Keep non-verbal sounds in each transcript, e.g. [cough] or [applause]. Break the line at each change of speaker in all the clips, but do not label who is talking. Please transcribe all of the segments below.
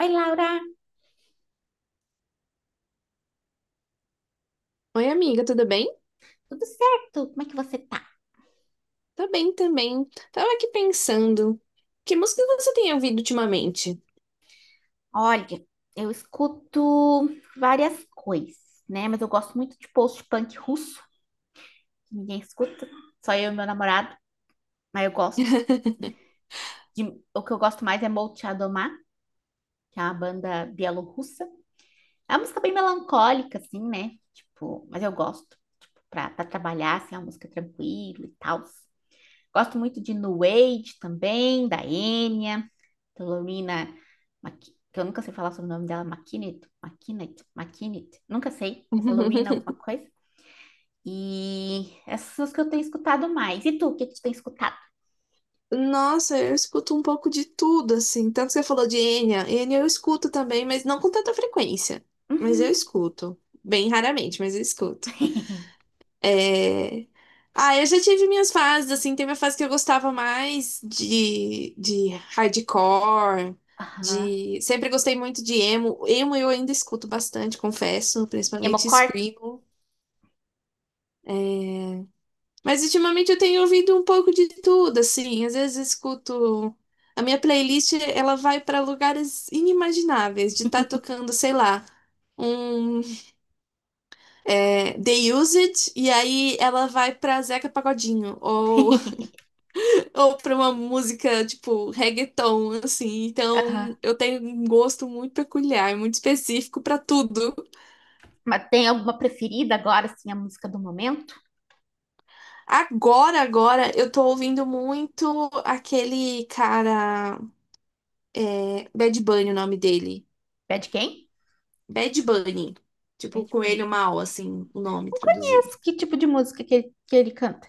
Oi, Laura,
Oi, amiga, tudo bem?
tudo certo? Como é que você tá?
Tá bem também. Tava aqui pensando, que música você tem ouvido ultimamente?
Olha, eu escuto várias coisas, né? Mas eu gosto muito de post-punk russo, que ninguém escuta, só eu e meu namorado, mas eu gosto.
[laughs]
De, o que eu gosto mais é Molchat Doma, que é uma banda bielorrussa. É uma música bem melancólica, assim, né? Tipo, mas eu gosto, tipo, pra trabalhar, assim, é uma música tranquila e tal. Gosto muito de New Age também, da Enya. Carolina, que eu nunca sei falar sobre o nome dela, Maquinet, Maquinet, Maquinet, nunca sei, mas é Lorena alguma coisa. E essas são as que eu tenho escutado mais. E tu, o que que tu tem escutado?
Nossa, eu escuto um pouco de tudo, assim. Tanto que você falou de Enya. Enya eu escuto também, mas não com tanta frequência. Mas eu
Uhum.
escuto. Bem raramente, mas eu escuto.
[laughs]
É... Ah, eu já tive minhas fases, assim, teve a fase que eu gostava mais de hardcore,
Aham.
de... Sempre gostei muito de emo. Emo eu ainda escuto bastante, confesso, principalmente
Emocore?
screamo. Mas ultimamente eu tenho ouvido um pouco de tudo, assim, às vezes eu escuto... A minha playlist, ela vai para lugares inimagináveis, de estar tocando, sei lá, um The Used, e aí ela vai pra Zeca Pagodinho, ou
[laughs]
pra uma música tipo reggaeton, assim.
Aham.
Então, eu tenho um gosto muito peculiar, muito específico pra tudo.
Mas tem alguma preferida agora, assim, a música do momento?
Agora, eu tô ouvindo muito aquele cara, Bad Bunny, o nome dele.
Bad quem?
Bad Bunny, tipo
Bad
coelho
Bunny.
mal, assim, o nome
Não
traduzido.
conheço que tipo de música que ele canta.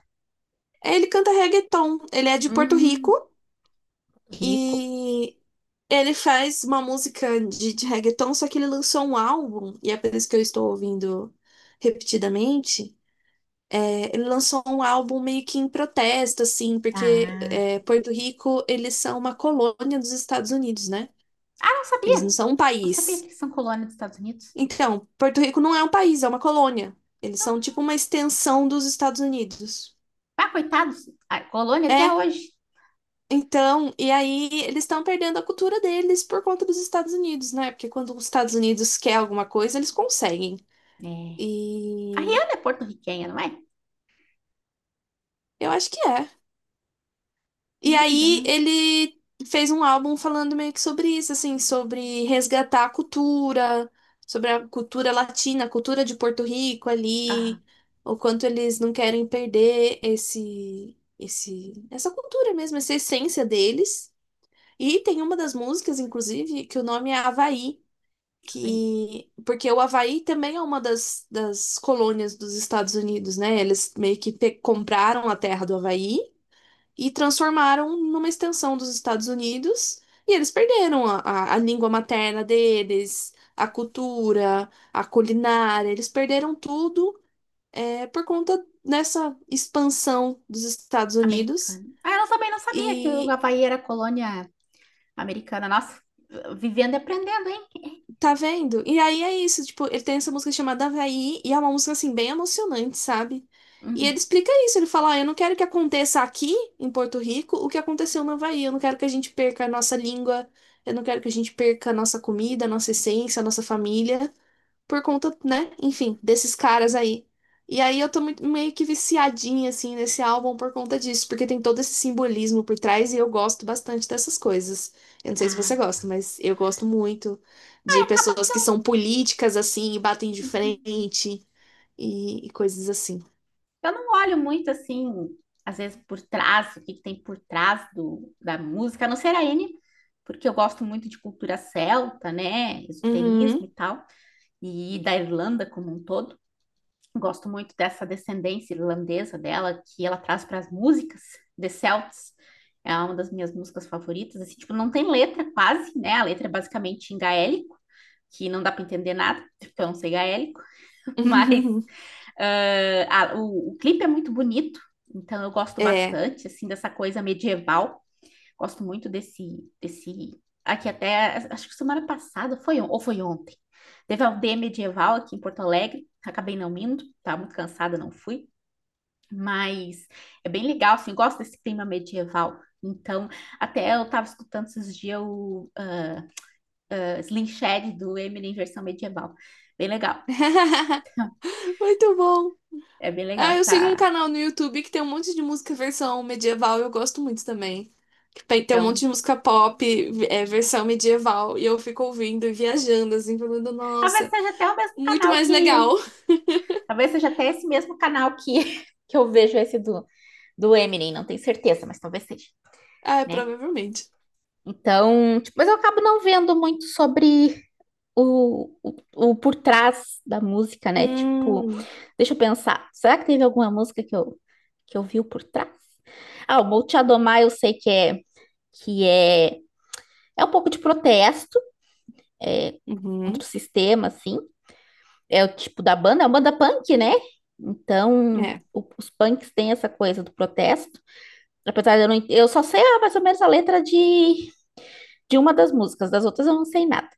Ele canta reggaeton, ele é de Porto Rico.
Hum, Rico.
E Ele faz uma música de reggaeton, só que ele lançou um álbum, e é por isso que eu estou ouvindo repetidamente. É, ele lançou um álbum meio que em protesto, assim, porque
Ah.
Porto Rico, eles são uma colônia dos Estados Unidos, né?
Ah, não sabia.
Eles não são um
Não sabia que
país.
eles são colônia dos Estados Unidos.
Então, Porto Rico não é um país, é uma colônia. Eles são tipo uma extensão dos Estados Unidos.
Ah, coitados, a colônia até
É,
hoje.
então, e aí eles estão perdendo a cultura deles por conta dos Estados Unidos, né? Porque quando os Estados Unidos quer alguma coisa, eles conseguem.
É. A
E
Rihanna é porto-riquenha, não é?
eu acho que é. E
Não me engano,
aí
é.
ele fez um álbum falando meio que sobre isso, assim, sobre resgatar a cultura, sobre a cultura latina, a cultura de Porto Rico
Ah,
ali, o quanto eles não querem perder essa cultura mesmo, essa essência deles. E tem uma das músicas, inclusive, que o nome é Havaí,
Havaí,
que porque o Havaí também é uma das colônias dos Estados Unidos, né? Eles meio que compraram a terra do Havaí, e transformaram numa extensão dos Estados Unidos, e eles perderam a língua materna deles, a cultura, a culinária, eles perderam tudo por conta dessa expansão dos Estados Unidos.
americana. Ah, eu também não sabia que o
E
Havaí era colônia americana. Nossa, vivendo e aprendendo, hein? É.
tá vendo? E aí é isso, tipo, ele tem essa música chamada Havaí, e é uma música, assim, bem emocionante, sabe? E ele
Uhum.
explica isso, ele fala, ó, eu não quero que aconteça aqui, em Porto Rico, o que aconteceu no Havaí, eu não quero que a gente perca a nossa língua, eu não quero que a gente perca a nossa comida, a nossa essência, a nossa família, por conta, né? Enfim, desses caras aí. E aí eu tô meio que viciadinha, assim, nesse álbum por conta disso, porque tem todo esse simbolismo por trás e eu gosto bastante dessas coisas. Eu não sei se
Ah,
você gosta, mas eu gosto muito
é,
de
acaba
pessoas
que eu,
que são políticas, assim, e batem de frente e coisas assim.
eu não olho muito assim, às vezes por trás, o que que tem por trás do, da música, a não ser a N, porque eu gosto muito de cultura celta, né? Esoterismo
Uhum.
e tal, e da Irlanda como um todo. Gosto muito dessa descendência irlandesa dela, que ela traz para as músicas The Celts. É uma das minhas músicas favoritas. Assim, tipo, não tem letra quase, né? A letra é basicamente em gaélico, que não dá para entender nada, porque eu não sei gaélico. [laughs] Mas
[laughs]
a, o clipe é muito bonito, então eu gosto
É.
bastante, assim, dessa coisa medieval. Gosto muito desse. Aqui até, acho que semana passada foi ou foi ontem. Teve a aldeia medieval aqui em Porto Alegre. Acabei não indo, estava muito cansada, não fui. Mas é bem legal, assim, gosto desse clima medieval. Então, até eu estava escutando esses dias o Slim Shady do Eminem em versão medieval. Bem legal,
[laughs] Muito bom.
é bem legal
Ah, eu sigo um
essa.
canal no YouTube que tem um monte de música versão medieval, eu gosto muito também. Tem um monte
Então,
de música pop, versão medieval, e eu fico ouvindo e viajando, assim, falando,
talvez
nossa,
seja até o mesmo
muito
canal
mais
que
legal.
eu.
[laughs]
Talvez seja até esse mesmo canal que, [laughs] que eu vejo esse do, do Eminem, não tenho certeza, mas talvez seja,
Ah,
né?
provavelmente.
Então, tipo, mas eu acabo não vendo muito sobre o por trás da música, né? Tipo,
Hum,
deixa eu pensar, será que teve alguma música que eu vi o por trás? Ah, o Vou Te Adomar eu sei que é, é um pouco de protesto, é, contra
uhum,
o sistema, assim. É o tipo da banda, é uma banda punk, né? Então,
é.
o- os punks têm essa coisa do protesto. Apesar de eu não, eu só sei mais ou menos a letra de uma das músicas, das outras eu não sei nada.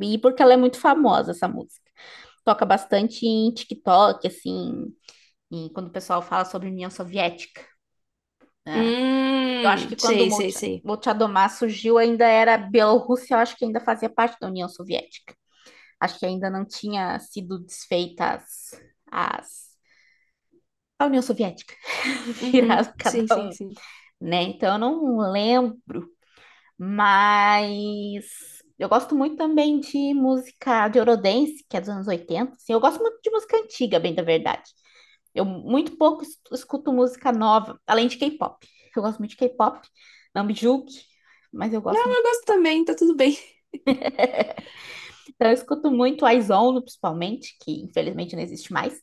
E porque ela é muito famosa, essa música. Toca bastante em TikTok, assim, em- quando o pessoal fala sobre União Soviética, né? Eu acho que quando o
Sei, sei, sei.
Molchadomá surgiu, ainda era Bielorrússia, eu acho que ainda fazia parte da União Soviética. Acho que ainda não tinha sido desfeita as, as- a União Soviética, [laughs]
Uhum,
virado cada
sim, sim,
um,
sim.
né? Então eu não lembro. Mas eu gosto muito também de música de Eurodance, que é dos anos oitenta. Assim, eu gosto muito de música antiga, bem da verdade. Eu muito pouco escuto música nova, além de K-pop. Eu gosto muito de K-pop, não me julgue, mas eu gosto
Não, eu
muito.
gosto também, tá tudo bem. [laughs]
Então, eu escuto muito IZONE, principalmente, que infelizmente não existe mais,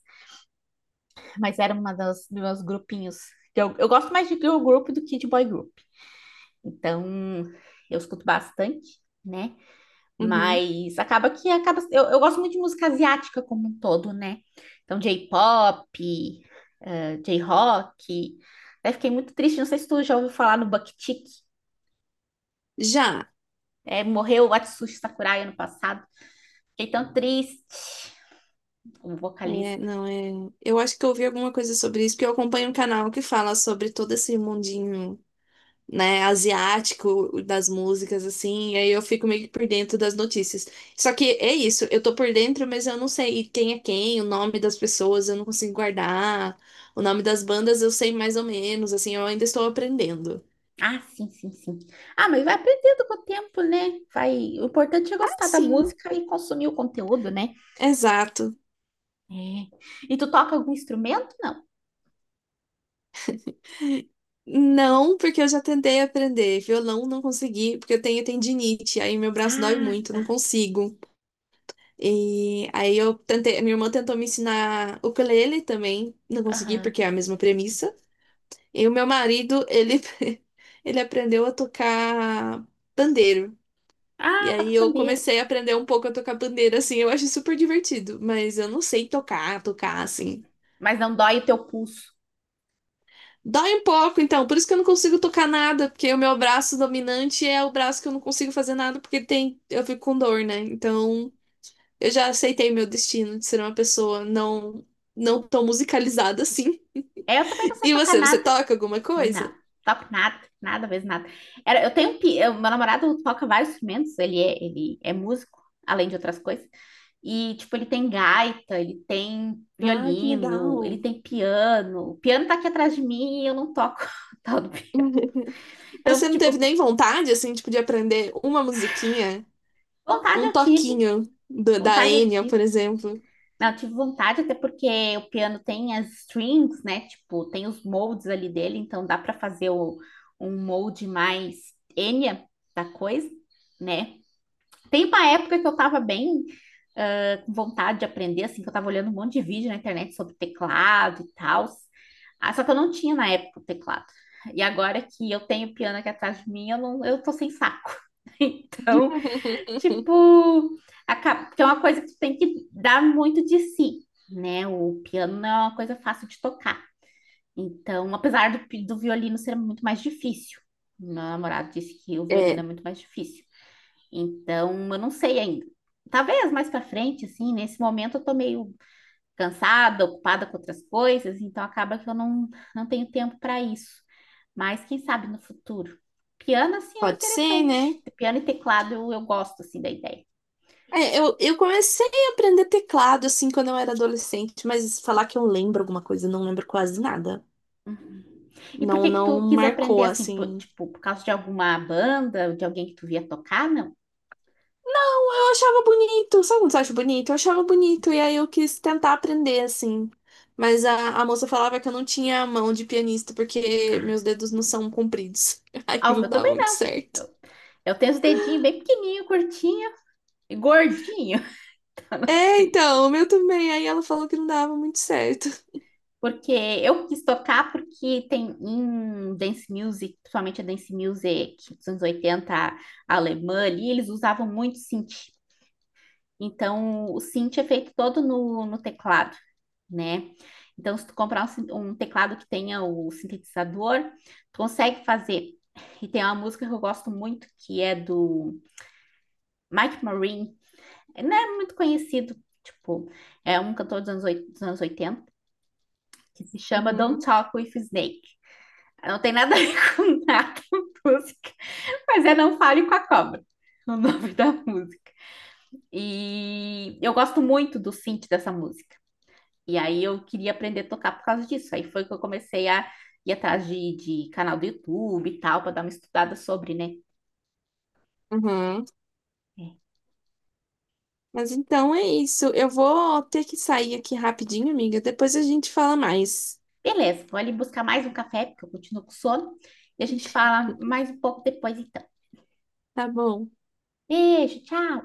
mas era uma das dos meus grupinhos, que eu gosto mais de girl group do que de boy group. Então, eu escuto bastante, né?
Uhum.
Mas acaba que acaba. Eu gosto muito de música asiática como um todo, né? Então, J-pop, J-rock. Até fiquei muito triste. Não sei se tu já ouviu falar no Bucktick.
Já.
É, morreu o Atsushi Sakurai ano passado. Fiquei tão triste como
É,
vocalista.
não, é. Eu acho que eu ouvi alguma coisa sobre isso, porque eu acompanho um canal que fala sobre todo esse mundinho, né, asiático das músicas, assim, e aí eu fico meio que por dentro das notícias. Só que é isso, eu tô por dentro, mas eu não sei quem é quem, o nome das pessoas, eu não consigo guardar, o nome das bandas eu sei mais ou menos, assim, eu ainda estou aprendendo.
Ah, sim, sim, sim. Ah, mas vai aprendendo com o tempo, né? Vai... O importante é
Ah,
gostar da
sim,
música e consumir o conteúdo, né?
exato.
É. E tu toca algum instrumento? Não.
Não, porque eu já tentei aprender. Violão não consegui, porque eu tenho tendinite, aí meu braço dói
Ah,
muito, não
tá.
consigo. E aí eu tentei, minha irmã tentou me ensinar ukulele também, não consegui,
Aham.
porque é a mesma premissa. E o meu marido, ele, [laughs] ele aprendeu a tocar pandeiro. E
Ah,
aí
toca
eu
pandeiro.
comecei a aprender um pouco a tocar pandeiro, assim, eu acho super divertido, mas eu não sei tocar, tocar assim.
Mas não dói o teu pulso.
Dói um pouco, então, por isso que eu não consigo tocar nada, porque o meu braço dominante é o braço que eu não consigo fazer nada, porque tem, eu fico com dor, né? Então, eu já aceitei meu destino de ser uma pessoa não tão musicalizada assim.
Eu também não
[laughs]
sei
E
tocar
você,
nada.
toca alguma
Não,
coisa?
toco nada, nada, vez nada. Era, eu tenho, um eu- Meu namorado toca vários instrumentos, ele é músico, além de outras coisas. E, tipo, ele tem gaita, ele tem
Ah, que
violino, ele
legal.
tem piano. O piano tá aqui atrás de mim e eu não toco. [laughs] tal do pi-.
[laughs] Mas você
Então,
não teve
tipo,
nem vontade, assim, tipo, de aprender uma musiquinha,
vontade
um
eu tive,
toquinho da
vontade eu
Enya, por
tive.
exemplo?
Não, eu tive vontade, até porque o piano tem as strings, né? Tipo, tem os moldes ali dele, então dá para fazer um molde mais Enya da coisa, né? Tem uma época que eu tava bem com vontade de aprender, assim, que eu tava olhando um monte de vídeo na internet sobre teclado e tal. Ah, só que eu não tinha na época o teclado. E agora que eu tenho o piano aqui atrás de mim, eu tô sem saco. [laughs]
[laughs]
Tipo, acaba, porque é uma coisa que tu tem que dar muito de si, né? O piano não é uma coisa fácil de tocar. Então, apesar do, do violino ser muito mais difícil, meu namorado disse que o violino é
É,
muito mais difícil. Então, eu não sei ainda. Talvez mais pra frente, assim, nesse momento eu tô meio cansada, ocupada com outras coisas, então acaba que eu não, não tenho tempo para isso. Mas quem sabe no futuro. Piano, assim, é
pode ser, né?
interessante. Piano e teclado eu gosto, assim, da ideia.
É, eu comecei a aprender teclado, assim, quando eu era adolescente, mas falar que eu lembro alguma coisa, eu não lembro quase nada.
E por
Não,
que que
não
tu quis aprender
marcou,
assim? Por,
assim.
tipo, por causa de alguma banda, de alguém que tu via tocar? Não.
Eu achava bonito, sabe quando você acha bonito? Eu achava bonito, e aí eu quis tentar aprender, assim. Mas a moça falava que eu não tinha a mão de pianista, porque
Ah,
meus dedos não são compridos. [laughs] Aí
ah, os
não
meus
dava
também
muito
não.
certo.
Eu, eu tenho os dedinhos bem pequenininho, curtinho e gordinho.
É, então,
[laughs]
o meu também. Aí ela falou que não dava muito certo.
Porque eu quis tocar porque tem em dance music, principalmente a dance music dos anos 80 alemã ali, eles usavam muito. Então, o synth é feito todo no, no teclado, né? Então, se tu comprar um, um teclado que tenha o sintetizador, tu consegue fazer. E tem uma música que eu gosto muito, que é do Mike Marine. É, não é muito conhecido, tipo, é um cantor dos anos 80, que se chama Don't
Uhum,
Talk with Snake. Não tem nada a ver [laughs] com nada a música, mas é Não Fale com a Cobra, o nome da música. E eu gosto muito do synth dessa música. E aí eu queria aprender a tocar por causa disso. Aí foi que eu comecei a ir atrás de canal do YouTube e tal, para dar uma estudada sobre, né?
uhum.
É.
Mas então é isso. Eu vou ter que sair aqui rapidinho, amiga. Depois a gente fala mais.
Beleza, vou ali buscar mais um café, porque eu continuo com sono. E a gente fala mais um pouco depois, então.
Tá bom.
Beijo, tchau!